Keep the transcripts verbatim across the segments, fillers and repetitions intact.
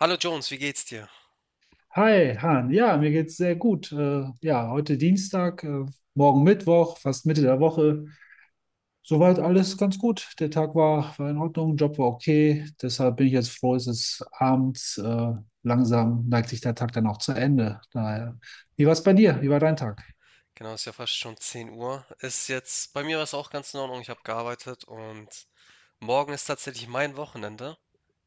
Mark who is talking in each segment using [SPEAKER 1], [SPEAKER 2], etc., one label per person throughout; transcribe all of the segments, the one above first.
[SPEAKER 1] Hallo Jones, wie geht's dir?
[SPEAKER 2] Hi, Han. Ja, mir geht's sehr gut. Äh, ja, heute Dienstag, äh, morgen Mittwoch, fast Mitte der Woche. Soweit alles ganz gut. Der Tag war, war in Ordnung, Job war okay. Deshalb bin ich jetzt froh, es ist abends. Äh, langsam neigt sich der Tag dann auch zu Ende. Daher, wie war's bei dir? Wie war dein Tag?
[SPEAKER 1] Genau, ist ja fast schon zehn Uhr. Ist jetzt, bei mir war es auch ganz in Ordnung. Ich habe gearbeitet und morgen ist tatsächlich mein Wochenende.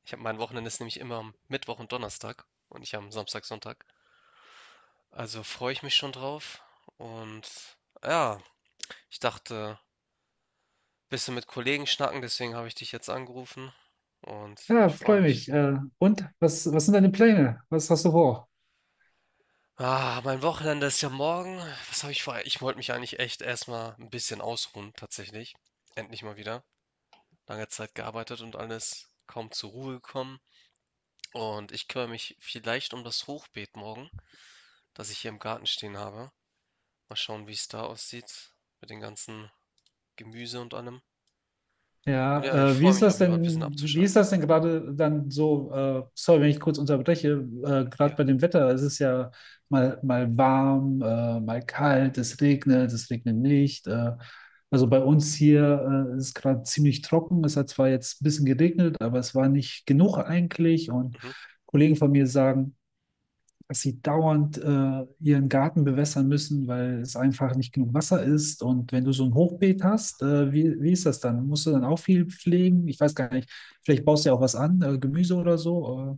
[SPEAKER 1] Ich habe Mein Wochenende ist nämlich immer am Mittwoch und Donnerstag und ich am Samstag, Sonntag. Also freue ich mich schon drauf. Und ja, ich dachte, bisschen mit Kollegen schnacken, deswegen habe ich dich jetzt angerufen und
[SPEAKER 2] Ja,
[SPEAKER 1] ich freue
[SPEAKER 2] freue
[SPEAKER 1] mich.
[SPEAKER 2] mich. Äh, und was, was sind deine Pläne? Was hast du vor?
[SPEAKER 1] Ah, mein Wochenende ist ja morgen. Was habe ich vor? Ich wollte mich eigentlich echt erstmal ein bisschen ausruhen, tatsächlich. Endlich mal wieder. Lange Zeit gearbeitet und alles, kaum zur Ruhe gekommen. Und ich kümmere mich vielleicht um das Hochbeet morgen, das ich hier im Garten stehen habe. Mal schauen, wie es da aussieht mit den ganzen Gemüse und allem. Und ja,
[SPEAKER 2] Ja,
[SPEAKER 1] ich
[SPEAKER 2] äh, wie
[SPEAKER 1] freue
[SPEAKER 2] ist
[SPEAKER 1] mich auf
[SPEAKER 2] das
[SPEAKER 1] jeden Fall, ein bisschen
[SPEAKER 2] denn, wie ist
[SPEAKER 1] abzuschalten.
[SPEAKER 2] das denn gerade dann so, äh, sorry, wenn ich kurz unterbreche, äh, gerade
[SPEAKER 1] Ja,
[SPEAKER 2] bei dem Wetter. Es ist ja mal, mal warm, äh, mal kalt, es regnet, es regnet nicht. Äh, also bei uns hier äh, ist es gerade ziemlich trocken. Es hat zwar jetzt ein bisschen geregnet, aber es war nicht genug eigentlich. Und
[SPEAKER 1] mhm.
[SPEAKER 2] Kollegen von mir sagen, dass sie dauernd äh, ihren Garten bewässern müssen, weil es einfach nicht genug Wasser ist. Und wenn du so ein Hochbeet hast, äh, wie, wie ist das dann? Musst du dann auch viel pflegen? Ich weiß gar nicht. Vielleicht baust du ja auch was an, äh, Gemüse oder so, äh,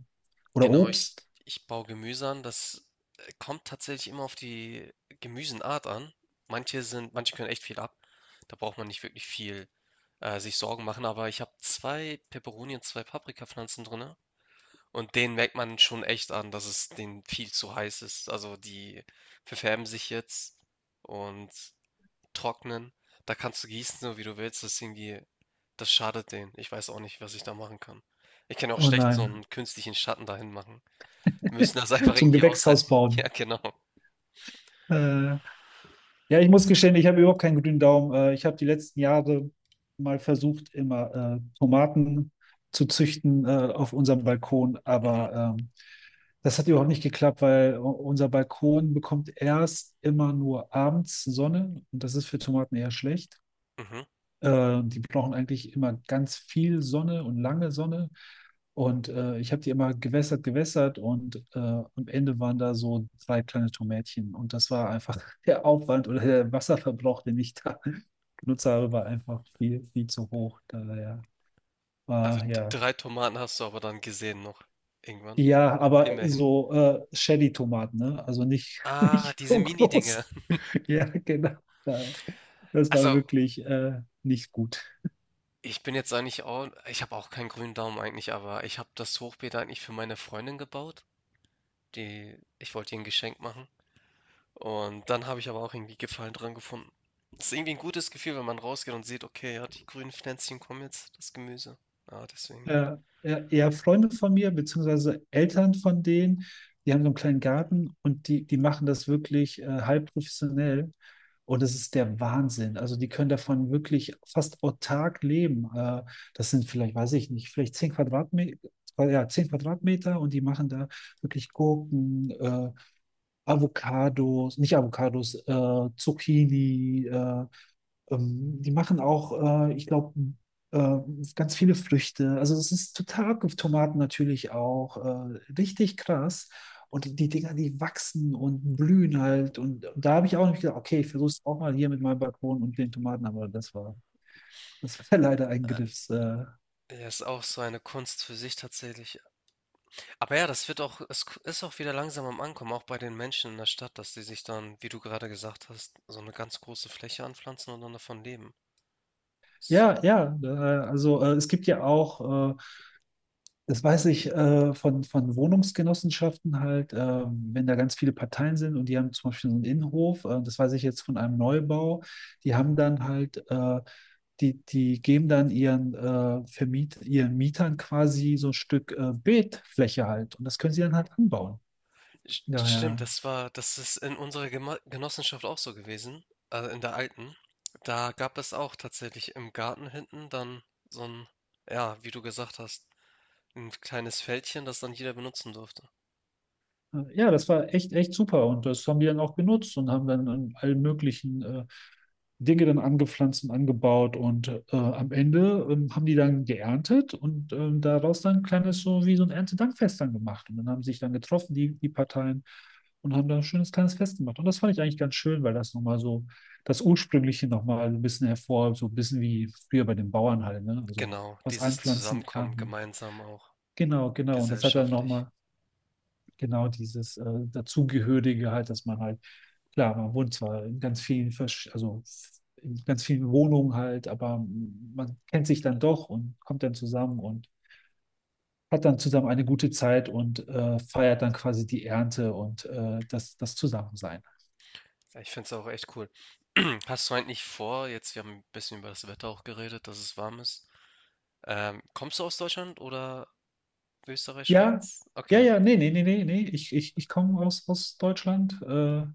[SPEAKER 2] oder
[SPEAKER 1] Genau, ich,
[SPEAKER 2] Obst.
[SPEAKER 1] ich baue Gemüse an. Das äh, kommt tatsächlich immer auf die Gemüsenart an. Manche sind, manche können echt viel ab. Da braucht man nicht wirklich viel äh, sich Sorgen machen. Aber ich habe zwei Peperoni und zwei Paprikapflanzen drin. Und den merkt man schon echt an, dass es denen viel zu heiß ist. Also die verfärben sich jetzt und trocknen. Da kannst du gießen, so wie du willst. Das ist irgendwie, das schadet denen. Ich weiß auch nicht, was ich da machen kann. Ich kann auch
[SPEAKER 2] Oh
[SPEAKER 1] schlecht so
[SPEAKER 2] nein,
[SPEAKER 1] einen künstlichen Schatten dahin machen. Wir müssen das einfach
[SPEAKER 2] zum
[SPEAKER 1] irgendwie
[SPEAKER 2] Gewächshaus
[SPEAKER 1] aushalten. Ja,
[SPEAKER 2] bauen.
[SPEAKER 1] genau.
[SPEAKER 2] Äh, Ja, ich muss gestehen, ich habe überhaupt keinen grünen Daumen. Äh, Ich habe die letzten Jahre mal versucht, immer äh, Tomaten zu züchten, äh, auf unserem Balkon,
[SPEAKER 1] Mhm,
[SPEAKER 2] aber ähm, das hat überhaupt nicht geklappt, weil u- unser Balkon bekommt erst immer nur abends Sonne und das ist für Tomaten eher schlecht.
[SPEAKER 1] mhm.
[SPEAKER 2] Äh, die brauchen eigentlich immer ganz viel Sonne und lange Sonne. Und äh, ich habe die immer gewässert, gewässert und äh, am Ende waren da so drei kleine Tomätchen. Und das war einfach der Aufwand oder der Wasserverbrauch, den ich da genutzt habe, war einfach viel, viel zu hoch. Daher
[SPEAKER 1] Also
[SPEAKER 2] war
[SPEAKER 1] d-
[SPEAKER 2] ja.
[SPEAKER 1] drei Tomaten hast du aber dann gesehen noch. Irgendwann.
[SPEAKER 2] Ja, aber
[SPEAKER 1] Immerhin.
[SPEAKER 2] so äh, Shelly-Tomaten, ne? Also nicht,
[SPEAKER 1] Ah,
[SPEAKER 2] nicht
[SPEAKER 1] diese
[SPEAKER 2] so
[SPEAKER 1] Mini-Dinger.
[SPEAKER 2] groß. Ja, genau. Daher. Das war
[SPEAKER 1] Also
[SPEAKER 2] wirklich äh, nicht gut.
[SPEAKER 1] ich bin jetzt eigentlich auch, ich habe auch keinen grünen Daumen eigentlich, aber ich habe das Hochbeet eigentlich für meine Freundin gebaut. Die Ich wollte ihr ein Geschenk machen und dann habe ich aber auch irgendwie Gefallen dran gefunden. Es ist irgendwie ein gutes Gefühl, wenn man rausgeht und sieht: „Okay, ja, die grünen Pflänzchen kommen jetzt, das Gemüse." Ja, deswegen.
[SPEAKER 2] Ja, ja, ja, Freunde von mir, beziehungsweise Eltern von denen, die haben so einen kleinen Garten und die, die machen das wirklich äh, halb professionell. Und das ist der Wahnsinn. Also die können davon wirklich fast autark leben. Äh, das sind vielleicht, weiß ich nicht, vielleicht zehn Quadratmeter, ja, zehn Quadratmeter, und die machen da wirklich Gurken, äh, Avocados, nicht Avocados, äh, Zucchini, äh, ähm, die machen auch, äh, ich glaube, äh, ganz viele Früchte. Also es ist total abgefahren. Tomaten natürlich auch. Äh, richtig krass. Und die, die Dinger, die wachsen und blühen halt. Und, und da habe ich auch nicht gedacht, okay, ich versuche es auch mal hier mit meinem Balkon und den Tomaten, aber das war, das war leider ein Griffs. Äh,
[SPEAKER 1] Ja, ist auch so eine Kunst für sich tatsächlich. Aber ja, das wird auch, es ist auch wieder langsam am Ankommen, auch bei den Menschen in der Stadt, dass sie sich dann, wie du gerade gesagt hast, so eine ganz große Fläche anpflanzen und dann davon leben.
[SPEAKER 2] ja, ja. Äh, also äh, es gibt ja auch. Äh, Das weiß ich äh, von, von Wohnungsgenossenschaften halt. Äh, wenn da ganz viele Parteien sind und die haben zum Beispiel so einen Innenhof, äh, das weiß ich jetzt von einem Neubau, die haben dann halt äh, die, die geben dann ihren, äh, Vermiet, ihren Mietern quasi so ein Stück äh, Beetfläche halt, und das können sie dann halt anbauen.
[SPEAKER 1] St Stimmt,
[SPEAKER 2] Daher,
[SPEAKER 1] das war das ist in unserer Gema Genossenschaft auch so gewesen, also in der alten. Da gab es auch tatsächlich im Garten hinten dann so ein, ja, wie du gesagt hast, ein kleines Feldchen, das dann jeder benutzen durfte.
[SPEAKER 2] äh, ja, das war echt, echt super, und das haben die dann auch genutzt und haben dann in allen möglichen äh, Dinge dann angepflanzt und angebaut, und äh, am Ende ähm, haben die dann geerntet und ähm, daraus dann ein kleines, so wie so ein Erntedankfest dann gemacht. Und dann haben sich dann getroffen, die, die Parteien, und haben dann ein schönes kleines Fest gemacht. Und das fand ich eigentlich ganz schön, weil das nochmal so das Ursprüngliche nochmal so ein bisschen hervor, so ein bisschen wie früher bei den Bauern halt, ne? Also
[SPEAKER 1] Genau,
[SPEAKER 2] was
[SPEAKER 1] dieses
[SPEAKER 2] anpflanzen,
[SPEAKER 1] Zusammenkommen
[SPEAKER 2] ernten.
[SPEAKER 1] gemeinsam auch
[SPEAKER 2] Genau, genau. Und das hat dann
[SPEAKER 1] gesellschaftlich.
[SPEAKER 2] nochmal genau dieses äh, Dazugehörige halt, dass man halt, klar, man wohnt zwar in ganz vielen, Versch also in ganz vielen Wohnungen halt, aber man kennt sich dann doch und kommt dann zusammen und hat dann zusammen eine gute Zeit und äh, feiert dann quasi die Ernte und äh, das, das Zusammensein.
[SPEAKER 1] Ja, ich finde es auch echt cool. Hast du eigentlich vor, jetzt, wir haben ein bisschen über das Wetter auch geredet, dass es warm ist. Ähm, kommst du aus Deutschland oder Österreich,
[SPEAKER 2] Ja,
[SPEAKER 1] Schweiz?
[SPEAKER 2] ja,
[SPEAKER 1] Okay.
[SPEAKER 2] ja, nee, nee, nee, nee, nee. Ich, ich, ich komme aus, aus Deutschland. Äh,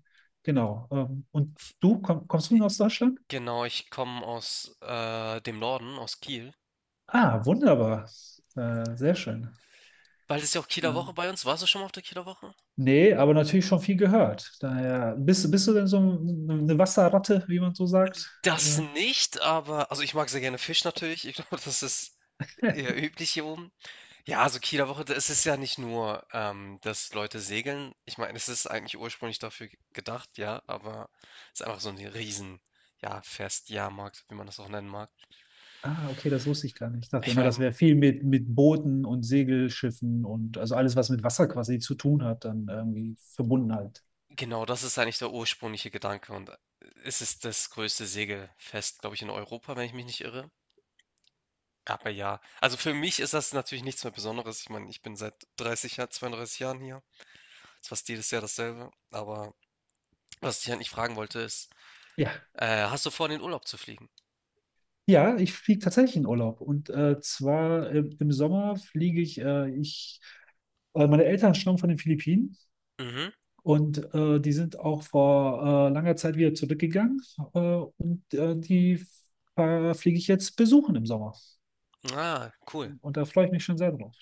[SPEAKER 2] Genau. Ähm, und du, komm, kommst du aus Deutschland?
[SPEAKER 1] Genau, ich komme aus äh, dem Norden, aus Kiel.
[SPEAKER 2] Ah, wunderbar. Äh, sehr schön.
[SPEAKER 1] Bald ist ja auch Kieler
[SPEAKER 2] Äh,
[SPEAKER 1] Woche bei uns. Warst du schon mal auf der Kieler Woche?
[SPEAKER 2] Nee, aber natürlich schon viel gehört. Daher, bist, bist du denn so eine Wasserratte, wie man so sagt?
[SPEAKER 1] Das
[SPEAKER 2] Äh,
[SPEAKER 1] nicht, aber also ich mag sehr gerne Fisch natürlich. Ich glaube, das ist eher üblich hier oben. Ja, also Kieler Woche, da- es ist ja nicht nur, ähm, dass Leute segeln. Ich meine, es ist eigentlich ursprünglich dafür ge- gedacht, ja, aber es ist einfach so ein riesen, ja, Fest, Jahrmarkt, wie man das auch nennen mag.
[SPEAKER 2] ah, okay, das wusste ich gar nicht. Ich dachte
[SPEAKER 1] Ich
[SPEAKER 2] immer,
[SPEAKER 1] meine,
[SPEAKER 2] das wäre viel mit, mit, Booten und Segelschiffen und also alles, was mit Wasser quasi zu tun hat, dann irgendwie verbunden halt.
[SPEAKER 1] genau, das ist eigentlich der ursprüngliche Gedanke und äh, es ist das größte Segelfest, glaube ich, in Europa, wenn ich mich nicht irre. Aber ja, also für mich ist das natürlich nichts mehr Besonderes. Ich meine, ich bin seit dreißig Jahren, zweiunddreißig Jahren hier. Ist fast jedes Jahr dasselbe. Aber was ich eigentlich fragen wollte ist,
[SPEAKER 2] Ja,
[SPEAKER 1] äh, hast du vor, in den Urlaub zu fliegen?
[SPEAKER 2] ja, ich fliege tatsächlich in Urlaub. Und äh, zwar im, im Sommer fliege ich, äh, ich, äh, Meine Eltern stammen von den Philippinen.
[SPEAKER 1] Mhm.
[SPEAKER 2] Und äh, die sind auch vor äh, langer Zeit wieder zurückgegangen, äh, und äh, die äh, fliege ich jetzt besuchen im Sommer.
[SPEAKER 1] Ah, cool.
[SPEAKER 2] Und da freue ich mich schon sehr drauf,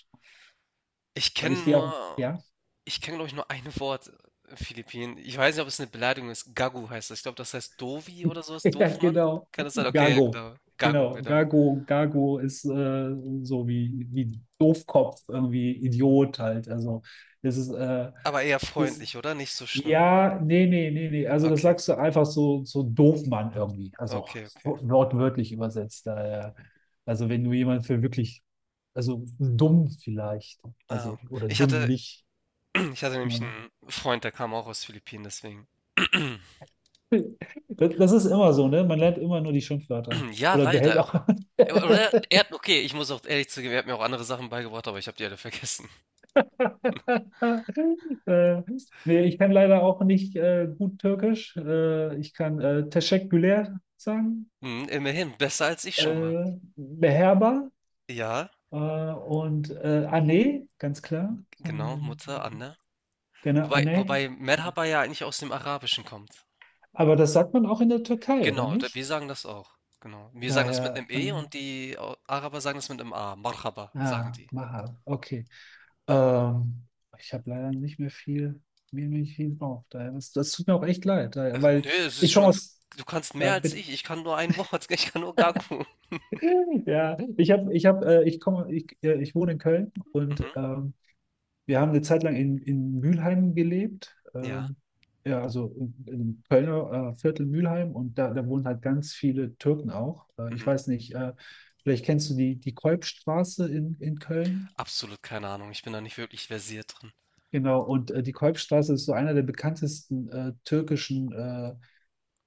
[SPEAKER 1] Ich
[SPEAKER 2] weil
[SPEAKER 1] kenne
[SPEAKER 2] ich die auch,
[SPEAKER 1] nur,
[SPEAKER 2] ja,
[SPEAKER 1] Ich kenne, glaube ich, nur ein Wort, äh, Philippinen. Ich weiß nicht, ob es eine Beleidigung ist. Gagu heißt das. Ich glaube, das heißt Dovi oder sowas.
[SPEAKER 2] ja,
[SPEAKER 1] Doofmann?
[SPEAKER 2] genau,
[SPEAKER 1] Kann das sein? Okay, ja,
[SPEAKER 2] Gago.
[SPEAKER 1] genau. Gago,
[SPEAKER 2] Genau,
[SPEAKER 1] genau.
[SPEAKER 2] Gago, Gago ist äh, so wie, wie Doofkopf, irgendwie Idiot halt. Also, das ist, äh,
[SPEAKER 1] Aber eher
[SPEAKER 2] ist
[SPEAKER 1] freundlich, oder? Nicht so schlimm.
[SPEAKER 2] ja, nee, nee, nee, nee. Also das
[SPEAKER 1] Okay,
[SPEAKER 2] sagst du einfach so, so Doofmann irgendwie. Also
[SPEAKER 1] okay, okay.
[SPEAKER 2] wo- wortwörtlich übersetzt. Daher. Also wenn du jemanden für wirklich, also dumm vielleicht,
[SPEAKER 1] Ah,
[SPEAKER 2] also oder
[SPEAKER 1] ich hatte
[SPEAKER 2] dümmlich.
[SPEAKER 1] ich hatte nämlich
[SPEAKER 2] Ja.
[SPEAKER 1] einen Freund, der kam auch aus Philippinen, deswegen.
[SPEAKER 2] Das, das ist immer so, ne? Man lernt immer nur die Schimpfwörter.
[SPEAKER 1] Ja,
[SPEAKER 2] Oder behält
[SPEAKER 1] leider.
[SPEAKER 2] auch.
[SPEAKER 1] Äh, oder er hat, okay, ich muss auch ehrlich zugeben, er hat mir auch andere Sachen beigebracht, aber ich habe die alle vergessen.
[SPEAKER 2] äh, nee, ich kann leider auch nicht äh, gut Türkisch. Äh, ich kann äh, Teşekkürler sagen.
[SPEAKER 1] Mhm, immerhin, besser als ich schon mal.
[SPEAKER 2] Äh, Beherber.
[SPEAKER 1] Ja,
[SPEAKER 2] Äh, und äh, Anne, ganz klar. Äh,
[SPEAKER 1] genau, Mutter, Anne.
[SPEAKER 2] gerne
[SPEAKER 1] Wobei
[SPEAKER 2] Anne.
[SPEAKER 1] wobei
[SPEAKER 2] Ja.
[SPEAKER 1] Merhaba ja eigentlich aus dem Arabischen kommt.
[SPEAKER 2] Aber das sagt man auch in der Türkei, oder
[SPEAKER 1] Genau, da wir
[SPEAKER 2] nicht?
[SPEAKER 1] sagen das auch, genau. Wir sagen das mit
[SPEAKER 2] Daher,
[SPEAKER 1] 'nem E
[SPEAKER 2] ähm,
[SPEAKER 1] und die au Araber sagen das mit 'nem A. Marhaba, sagen
[SPEAKER 2] ah,
[SPEAKER 1] die.
[SPEAKER 2] Maha, okay. Ähm, ich habe leider nicht mehr viel, mir nicht viel drauf. Daher, das, das tut mir auch echt leid, daher,
[SPEAKER 1] Also,
[SPEAKER 2] weil
[SPEAKER 1] ne, es ist
[SPEAKER 2] ich komme
[SPEAKER 1] schon, du
[SPEAKER 2] aus,
[SPEAKER 1] du kannst
[SPEAKER 2] ja,
[SPEAKER 1] mehr als
[SPEAKER 2] bitte,
[SPEAKER 1] ich. Ich kann nur ein Wort. Ich kann nur Gagu.
[SPEAKER 2] ja, ich habe, ich habe, äh, ich komme, ich, äh, ich wohne in Köln und
[SPEAKER 1] Mhm.
[SPEAKER 2] ähm, wir haben eine Zeit lang in, in Mülheim gelebt,
[SPEAKER 1] Ja.
[SPEAKER 2] ähm, ja, also in- im Kölner äh, Viertel Mülheim und da, da wohnen halt ganz viele Türken auch. Äh, ich
[SPEAKER 1] Mhm.
[SPEAKER 2] weiß nicht, äh, vielleicht kennst du die, die Kolbstraße in, in Köln.
[SPEAKER 1] Absolut keine Ahnung. Ich bin da nicht wirklich versiert drin.
[SPEAKER 2] Genau, und äh, die Kolbstraße ist so einer der bekanntesten äh, türkischen äh,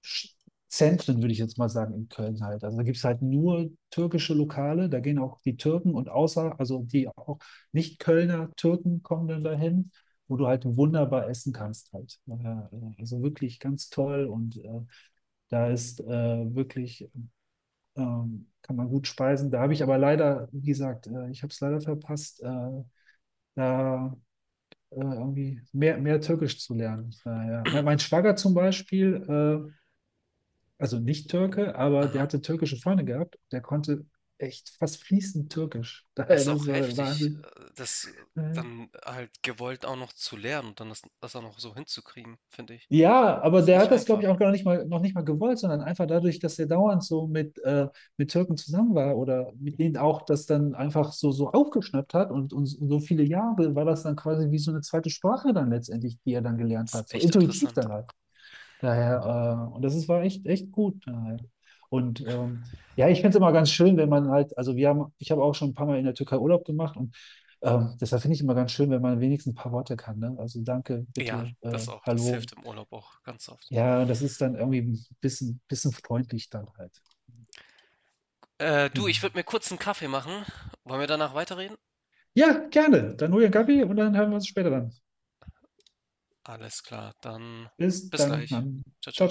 [SPEAKER 2] Sch- Zentren, würde ich jetzt mal sagen, in Köln halt. Also da gibt es halt nur türkische Lokale, da gehen auch die Türken, und außer, also die auch Nicht-Kölner Türken kommen dann dahin, wo du halt wunderbar essen kannst halt. Ja, Also wirklich ganz toll und äh, da ist äh, wirklich, ähm, kann man gut speisen. Da habe ich aber leider, wie gesagt, äh, ich habe es leider verpasst, äh, da äh, irgendwie mehr, mehr Türkisch zu lernen. Naja. Mein, mein Schwager zum Beispiel, äh, also nicht Türke, aber der
[SPEAKER 1] Aha.
[SPEAKER 2] hatte türkische Freunde gehabt. Der konnte echt fast fließend Türkisch.
[SPEAKER 1] Es
[SPEAKER 2] Daher,
[SPEAKER 1] ist
[SPEAKER 2] das
[SPEAKER 1] auch
[SPEAKER 2] war der
[SPEAKER 1] heftig,
[SPEAKER 2] Wahnsinn.
[SPEAKER 1] äh, das
[SPEAKER 2] Mhm.
[SPEAKER 1] dann halt gewollt auch noch zu lernen und dann das das auch noch so hinzukriegen, finde ich.
[SPEAKER 2] Ja, aber
[SPEAKER 1] Ist
[SPEAKER 2] der
[SPEAKER 1] nicht
[SPEAKER 2] hat das, glaube ich,
[SPEAKER 1] einfach.
[SPEAKER 2] auch gar nicht mal, noch nicht mal gewollt, sondern einfach dadurch, dass er dauernd so mit, äh, mit Türken zusammen war oder mit denen auch das dann einfach so, so aufgeschnappt hat, und, und so viele Jahre war das dann quasi wie so eine zweite Sprache dann letztendlich, die er dann gelernt
[SPEAKER 1] Ist
[SPEAKER 2] hat, so
[SPEAKER 1] echt
[SPEAKER 2] intuitiv
[SPEAKER 1] interessant.
[SPEAKER 2] dann halt. Daher, äh, und das ist, war echt, echt gut. Daher. Und ähm, ja, ich finde es immer ganz schön, wenn man halt, also wir haben, ich habe auch schon ein paar Mal in der Türkei Urlaub gemacht und ähm, deshalb finde ich immer ganz schön, wenn man wenigstens ein paar Worte kann. Ne? Also danke,
[SPEAKER 1] Ja,
[SPEAKER 2] bitte, äh,
[SPEAKER 1] das auch. Das hilft
[SPEAKER 2] hallo.
[SPEAKER 1] im Urlaub auch ganz oft.
[SPEAKER 2] Ja, und das ist dann irgendwie ein bisschen, bisschen freundlich dann halt.
[SPEAKER 1] Äh, du,
[SPEAKER 2] Genau.
[SPEAKER 1] ich würde mir kurz einen Kaffee machen. Wollen wir danach weiterreden?
[SPEAKER 2] Ja, gerne. Dann hol dir einen Kaffee und dann hören wir uns später dann.
[SPEAKER 1] Alles klar, dann
[SPEAKER 2] Bis
[SPEAKER 1] bis
[SPEAKER 2] dann,
[SPEAKER 1] gleich.
[SPEAKER 2] Mann.
[SPEAKER 1] Ciao, ciao.
[SPEAKER 2] Ciao.